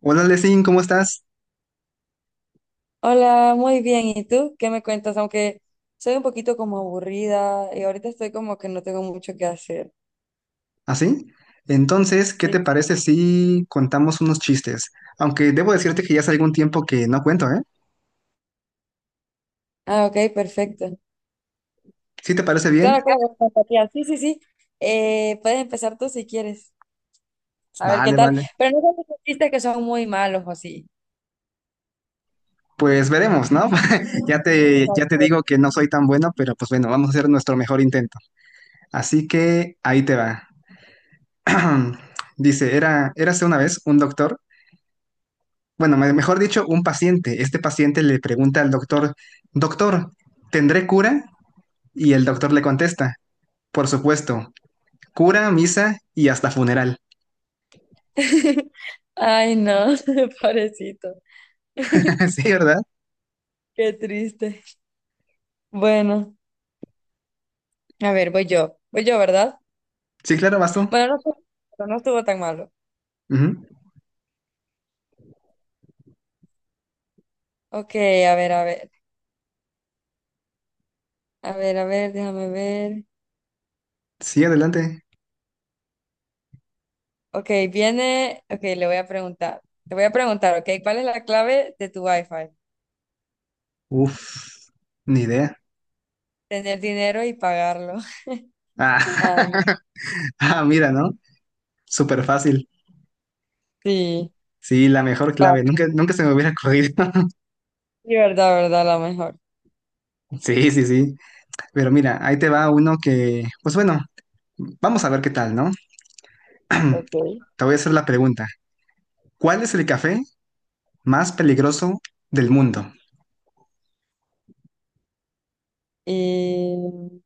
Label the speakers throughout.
Speaker 1: Hola, Lesin, ¿cómo estás?
Speaker 2: Hola, muy bien. ¿Y tú? ¿Qué me cuentas? Aunque soy un poquito como aburrida y ahorita estoy como que no tengo mucho que hacer.
Speaker 1: ¿Así? Entonces, ¿qué
Speaker 2: Sí.
Speaker 1: te parece si contamos unos chistes? Aunque debo decirte que ya hace algún tiempo que no cuento, ¿eh?
Speaker 2: Ah, ok, perfecto.
Speaker 1: ¿Sí te parece bien?
Speaker 2: Claro, claro, empatía. Sí, sí, sí. Puedes empezar tú si quieres. A ver qué
Speaker 1: Vale,
Speaker 2: tal.
Speaker 1: vale.
Speaker 2: Pero no sé si dijiste que son muy malos o sí.
Speaker 1: Pues veremos, ¿no? Ya te digo que no soy tan bueno, pero pues bueno, vamos a hacer nuestro mejor intento. Así que ahí te va. Dice, era, érase una vez un doctor, bueno, mejor dicho, un paciente. Este paciente le pregunta al doctor, doctor, ¿tendré cura? Y el doctor le contesta, por supuesto, cura, misa y hasta funeral.
Speaker 2: Ay, no, pobrecito.
Speaker 1: Sí, ¿verdad?
Speaker 2: Qué triste. Bueno, a ver, voy yo. Voy yo, ¿verdad?
Speaker 1: Sí, claro, vas tú.
Speaker 2: Bueno, no, no estuvo tan malo.
Speaker 1: Ujú.
Speaker 2: Ok, a ver, a ver. A ver, a ver, déjame ver.
Speaker 1: Sí, adelante.
Speaker 2: Ok, viene, ok, le voy a preguntar. Te voy a preguntar, ok, ¿cuál es la clave de tu Wi-Fi?
Speaker 1: Uf, ni idea.
Speaker 2: Tener dinero y pagarlo.
Speaker 1: Ah,
Speaker 2: Ay, no.
Speaker 1: ah, mira, ¿no? Súper fácil.
Speaker 2: Sí,
Speaker 1: Sí, la mejor
Speaker 2: va.
Speaker 1: clave. Nunca, nunca se me hubiera ocurrido.
Speaker 2: Sí, verdad, verdad, la mejor.
Speaker 1: Sí, sí, sí. Pero mira, ahí te va uno que, pues bueno, vamos a ver qué tal, ¿no?
Speaker 2: Ok.
Speaker 1: Te voy a hacer la pregunta. ¿Cuál es el café más peligroso del mundo?
Speaker 2: Y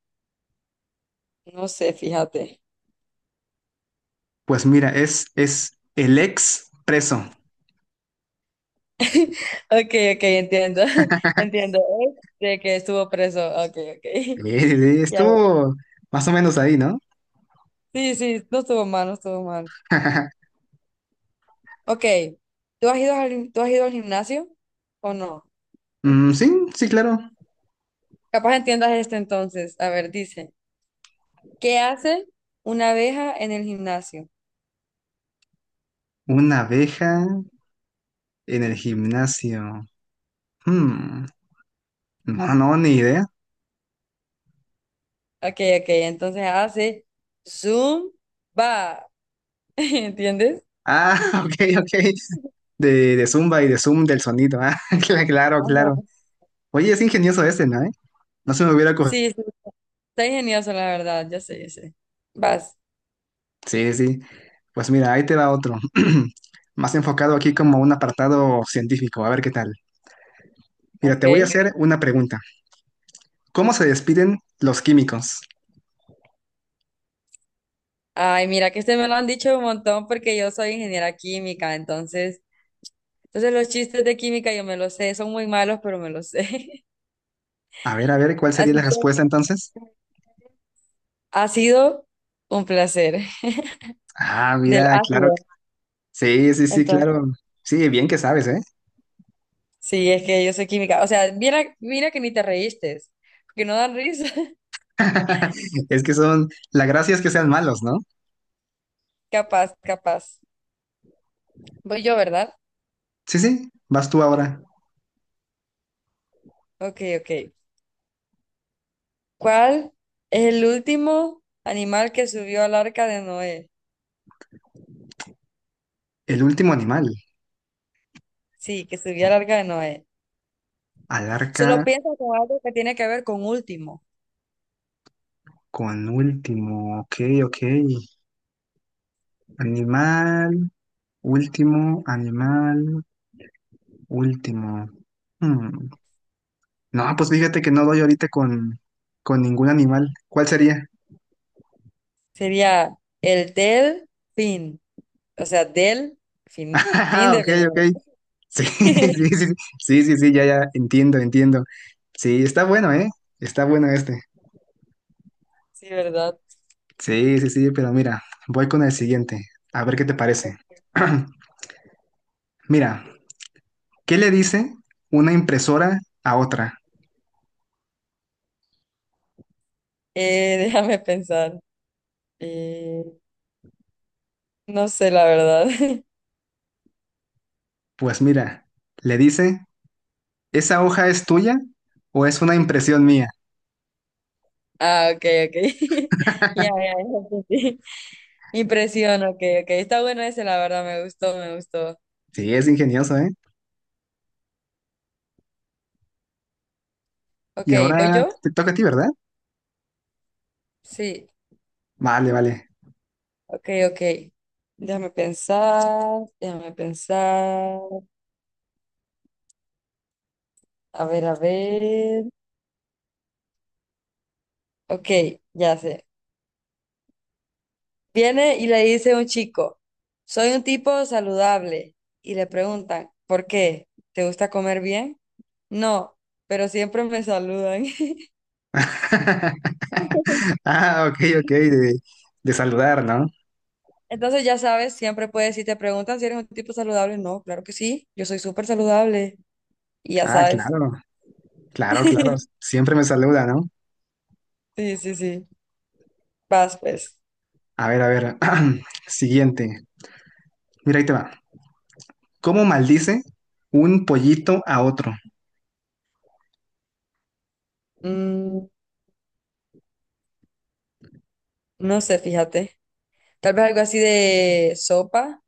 Speaker 2: no sé, fíjate.
Speaker 1: Pues mira, es el expreso.
Speaker 2: Ok, ok, entiendo. Entiendo. Es de que estuvo preso. Ok,
Speaker 1: Sí,
Speaker 2: ok.
Speaker 1: sí, sí,
Speaker 2: Ya, ya.
Speaker 1: estuvo más o menos ahí, ¿no?
Speaker 2: Sí, sí, no estuvo mal, no estuvo mal. Ok, ¿tú has ido tú has ido al gimnasio o no?
Speaker 1: Mm, sí, sí, claro.
Speaker 2: Capaz entiendas este entonces. A ver, dice. ¿Qué hace una abeja en el gimnasio?
Speaker 1: Una abeja en el gimnasio. Hmm, No, no, ni idea.
Speaker 2: Ok, ok, entonces hace zoom, va. ¿Entiendes?
Speaker 1: Ah, ok, ok. De Zumba y de Zoom del sonido. Ah, claro,
Speaker 2: Ajá.
Speaker 1: claro. Oye, es ingenioso este, ¿no? ¿Eh? No se me hubiera...
Speaker 2: Sí, sí, está ingenioso, la verdad, ya sé, ya sé. Vas,
Speaker 1: Sí, sí. Pues mira, ahí te va otro. Más enfocado aquí como un apartado científico. A ver qué tal. Mira, te voy a
Speaker 2: ok.
Speaker 1: hacer una pregunta. ¿Cómo se despiden los químicos?
Speaker 2: Ay, mira que este me lo han dicho un montón porque yo soy ingeniera química, entonces los chistes de química yo me los sé, son muy malos, pero me los sé.
Speaker 1: A ver, ¿cuál sería
Speaker 2: Así
Speaker 1: la
Speaker 2: que
Speaker 1: respuesta entonces?
Speaker 2: ha sido un placer
Speaker 1: Ah,
Speaker 2: del
Speaker 1: mira, claro.
Speaker 2: ácido.
Speaker 1: Sí, sí, sí,
Speaker 2: Entonces.
Speaker 1: claro. Sí, bien que sabes, ¿eh?
Speaker 2: Sí, es que yo soy química. O sea, mira, mira que ni te reíste, que no dan risa.
Speaker 1: Es que son, la gracia es que sean malos, ¿no?
Speaker 2: Capaz, capaz. Voy yo, ¿verdad?
Speaker 1: Sí, sí, vas tú ahora.
Speaker 2: Ok, ok. ¿Cuál es el último animal que subió al arca de Noé?
Speaker 1: El último animal.
Speaker 2: Sí, que subió al arca de Noé.
Speaker 1: Al
Speaker 2: Solo
Speaker 1: arca
Speaker 2: piensa con algo que tiene que ver con último.
Speaker 1: con último. Ok, ok. Animal, último, animal, último. Hmm. No, pues fíjate que no doy ahorita con ningún animal. ¿Cuál sería?
Speaker 2: Sería el del fin. O sea, del fin, fin
Speaker 1: Ah,
Speaker 2: de
Speaker 1: ok, ok.
Speaker 2: final.
Speaker 1: Sí, sí, sí, sí, sí, sí, ya, ya, entiendo, entiendo. Sí, está bueno, ¿eh? Está bueno este.
Speaker 2: Sí, ¿verdad?
Speaker 1: Sí, sí, sí, pero mira, voy con el siguiente, a ver qué te parece. Mira, ¿qué le dice una impresora a otra?
Speaker 2: Déjame pensar. Eh, no sé, la verdad.
Speaker 1: Pues mira, le dice, ¿esa hoja es tuya o es una impresión mía?
Speaker 2: Ah, ok, ok. Ya, ya, ya, sí, sí. Impresión, ok, ok. Está bueno ese, la verdad, me gustó, me gustó.
Speaker 1: Sí, es ingenioso, ¿eh?
Speaker 2: Ok,
Speaker 1: Y
Speaker 2: ¿voy
Speaker 1: ahora
Speaker 2: yo?
Speaker 1: te toca a ti, ¿verdad?
Speaker 2: Sí,
Speaker 1: Vale, vale.
Speaker 2: ok, ok. Déjame pensar, déjame pensar. A ver, a ver. Ok, ya sé. Viene y le dice un chico, soy un tipo saludable. Y le preguntan, ¿por qué? ¿Te gusta comer bien? No, pero siempre me saludan.
Speaker 1: Ah, ok, ok, de saludar, ¿no?
Speaker 2: Entonces, ya sabes, siempre puedes, si te preguntan si eres un tipo saludable, no, claro que sí, yo soy súper saludable y ya
Speaker 1: Ah,
Speaker 2: sabes.
Speaker 1: claro, claro, claro. Siempre me saluda, ¿no?
Speaker 2: Sí, sí, sí. Vas, pues.
Speaker 1: A ver, a ver. Siguiente. Mira, ahí te va. ¿Cómo maldice un pollito a otro?
Speaker 2: Mm, no sé, fíjate. Tal vez algo así de sopa.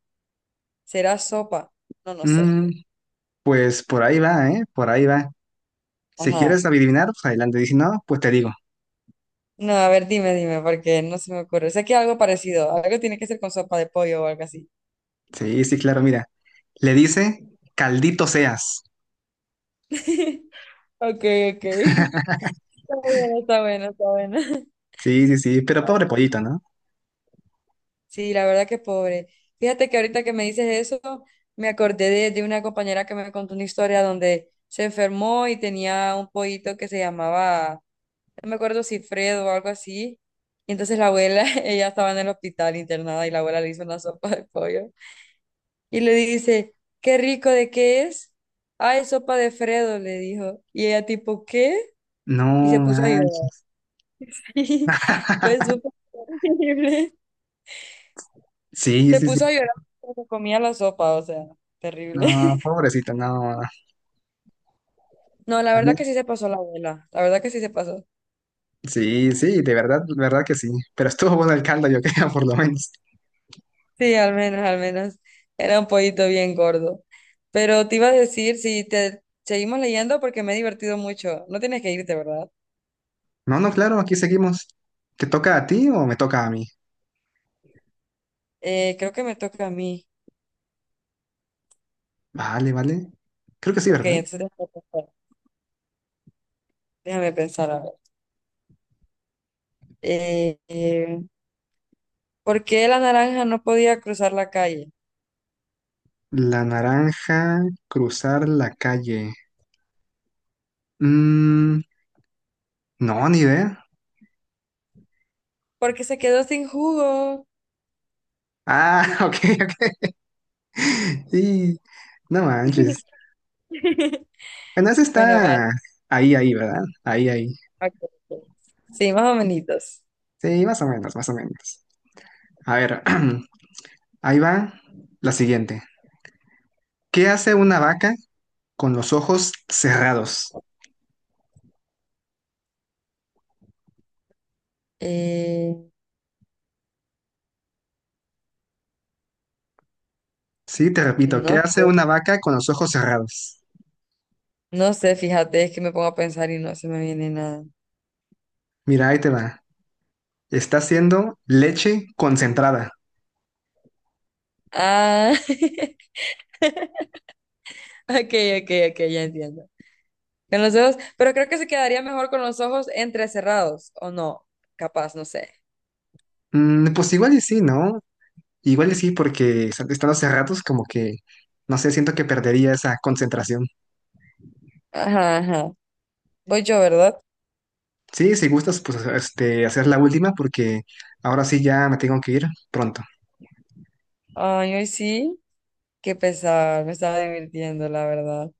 Speaker 2: ¿Será sopa? No, no sé.
Speaker 1: Mm, pues por ahí va, ¿eh? Por ahí va. Si
Speaker 2: Ajá.
Speaker 1: quieres adivinar, pues adelante. Y si no, pues te digo.
Speaker 2: No, a ver, dime, dime, porque no se me ocurre. Sé que algo parecido, algo tiene que ser con sopa de pollo o algo así.
Speaker 1: Sí, sí, claro, mira. Le dice, caldito seas.
Speaker 2: Ok, ok. Está bueno, está bueno, está bueno.
Speaker 1: Sí, sí, sí, pero pobre pollito, ¿no?
Speaker 2: Sí, la verdad que pobre. Fíjate que ahorita que me dices eso, me acordé de una compañera que me contó una historia donde se enfermó y tenía un pollito que se llamaba, no me acuerdo si Fredo o algo así. Y entonces la abuela, ella estaba en el hospital internada y la abuela le hizo una sopa de pollo. Y le dice, qué rico, ¿de qué es? Ah, es sopa de Fredo, le dijo. Y ella tipo, ¿qué? Y se
Speaker 1: No
Speaker 2: puso a llorar.
Speaker 1: manches.
Speaker 2: Pues súper horrible.
Speaker 1: Sí,
Speaker 2: Se
Speaker 1: sí, sí.
Speaker 2: puso a llorar porque se comía la sopa, o sea, terrible.
Speaker 1: No, pobrecito, no.
Speaker 2: No, la
Speaker 1: A mí...
Speaker 2: verdad que sí se pasó la abuela, la verdad que sí se pasó.
Speaker 1: Sí, sí, de verdad que sí. Pero estuvo bueno el caldo, yo creo, por lo menos.
Speaker 2: Sí, al menos, al menos. Era un pollito bien gordo. Pero te iba a decir, si te seguimos leyendo porque me he divertido mucho. No tienes que irte, ¿verdad?
Speaker 1: No, no, claro, aquí seguimos. ¿Te toca a ti o me toca a mí?
Speaker 2: Creo que me toca a mí.
Speaker 1: Vale, vale. Creo que sí,
Speaker 2: Ok,
Speaker 1: ¿verdad?
Speaker 2: entonces déjame pensar, a ver. Eh, eh, ¿Por qué la naranja no podía cruzar la calle?
Speaker 1: La naranja, cruzar la calle. Mm, no, ni idea.
Speaker 2: Porque se quedó sin jugo.
Speaker 1: Ah, ok, ok. Sí, no manches. Bueno, ese
Speaker 2: Bueno, va.
Speaker 1: está ahí, ahí, ¿verdad? Ahí, ahí.
Speaker 2: Ok, ok. Sí, más o menos.
Speaker 1: Sí, más o menos, más o menos. A ver, ahí va la siguiente. ¿Qué hace una vaca con los ojos cerrados?
Speaker 2: Eh,
Speaker 1: Sí, te repito, ¿qué
Speaker 2: no,
Speaker 1: hace
Speaker 2: sé,
Speaker 1: una vaca con los ojos cerrados?
Speaker 2: no sé, fíjate, es que me pongo a pensar y no se me viene nada.
Speaker 1: Mira, ahí te va. Está haciendo leche concentrada.
Speaker 2: Ah, ok, ok, ok, ya entiendo. Con los ojos, pero creo que se quedaría mejor con los ojos entrecerrados, o no, capaz, no sé.
Speaker 1: Mm, pues igual y sí, ¿no? Igual y sí, porque estando hace ratos como que, no sé, siento que perdería esa concentración.
Speaker 2: Ajá, ajá. Voy yo, ¿verdad?
Speaker 1: Sí, si gustas, pues este, hacer la última porque ahora sí ya me tengo que ir pronto.
Speaker 2: Ay, hoy sí, qué pesar, me estaba divirtiendo, la verdad.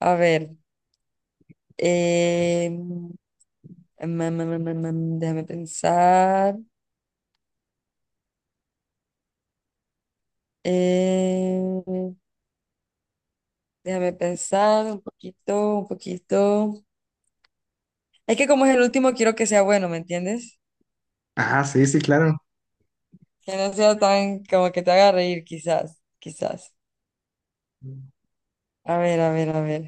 Speaker 2: A ver, eh, mm, mm, mm, mm, déjame pensar. Eh, Déjame pensar un poquito, un poquito. Es que como es el último, quiero que sea bueno, ¿me entiendes?
Speaker 1: Ah, sí, sí, claro.
Speaker 2: Que no sea tan como que te haga reír, quizás, quizás. A ver, a ver, a ver.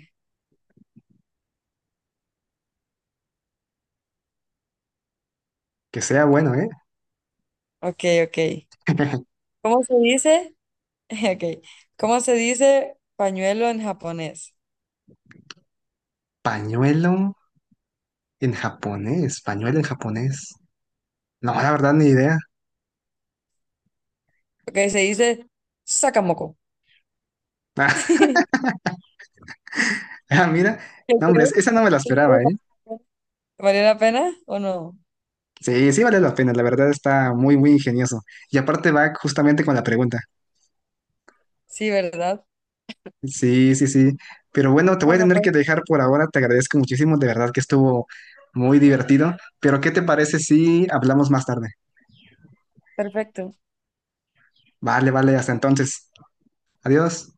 Speaker 1: Que sea bueno, ¿eh?
Speaker 2: Ok, ok. ¿Cómo se dice? Ok. ¿Cómo se dice pañuelo en japonés?
Speaker 1: Pañuelo en japonés, pañuelo en japonés. No, la verdad, ni idea.
Speaker 2: Ok, se dice sakamoko. ¿Qué
Speaker 1: Ah, mira,
Speaker 2: crees?
Speaker 1: no, hombre, esa no me la
Speaker 2: ¿Qué
Speaker 1: esperaba,
Speaker 2: crees?
Speaker 1: ¿eh?
Speaker 2: ¿Valió la pena o no?
Speaker 1: Sí, sí vale la pena, la verdad está muy, muy ingenioso. Y aparte va justamente con la pregunta.
Speaker 2: Sí, ¿verdad?
Speaker 1: Sí, sí, sí. Pero bueno, te voy a
Speaker 2: Bueno,
Speaker 1: tener
Speaker 2: pues
Speaker 1: que dejar por ahora. Te agradezco muchísimo, de verdad que estuvo muy divertido. Pero ¿qué te parece si hablamos más tarde?
Speaker 2: perfecto.
Speaker 1: Vale, vale, hasta entonces. Adiós.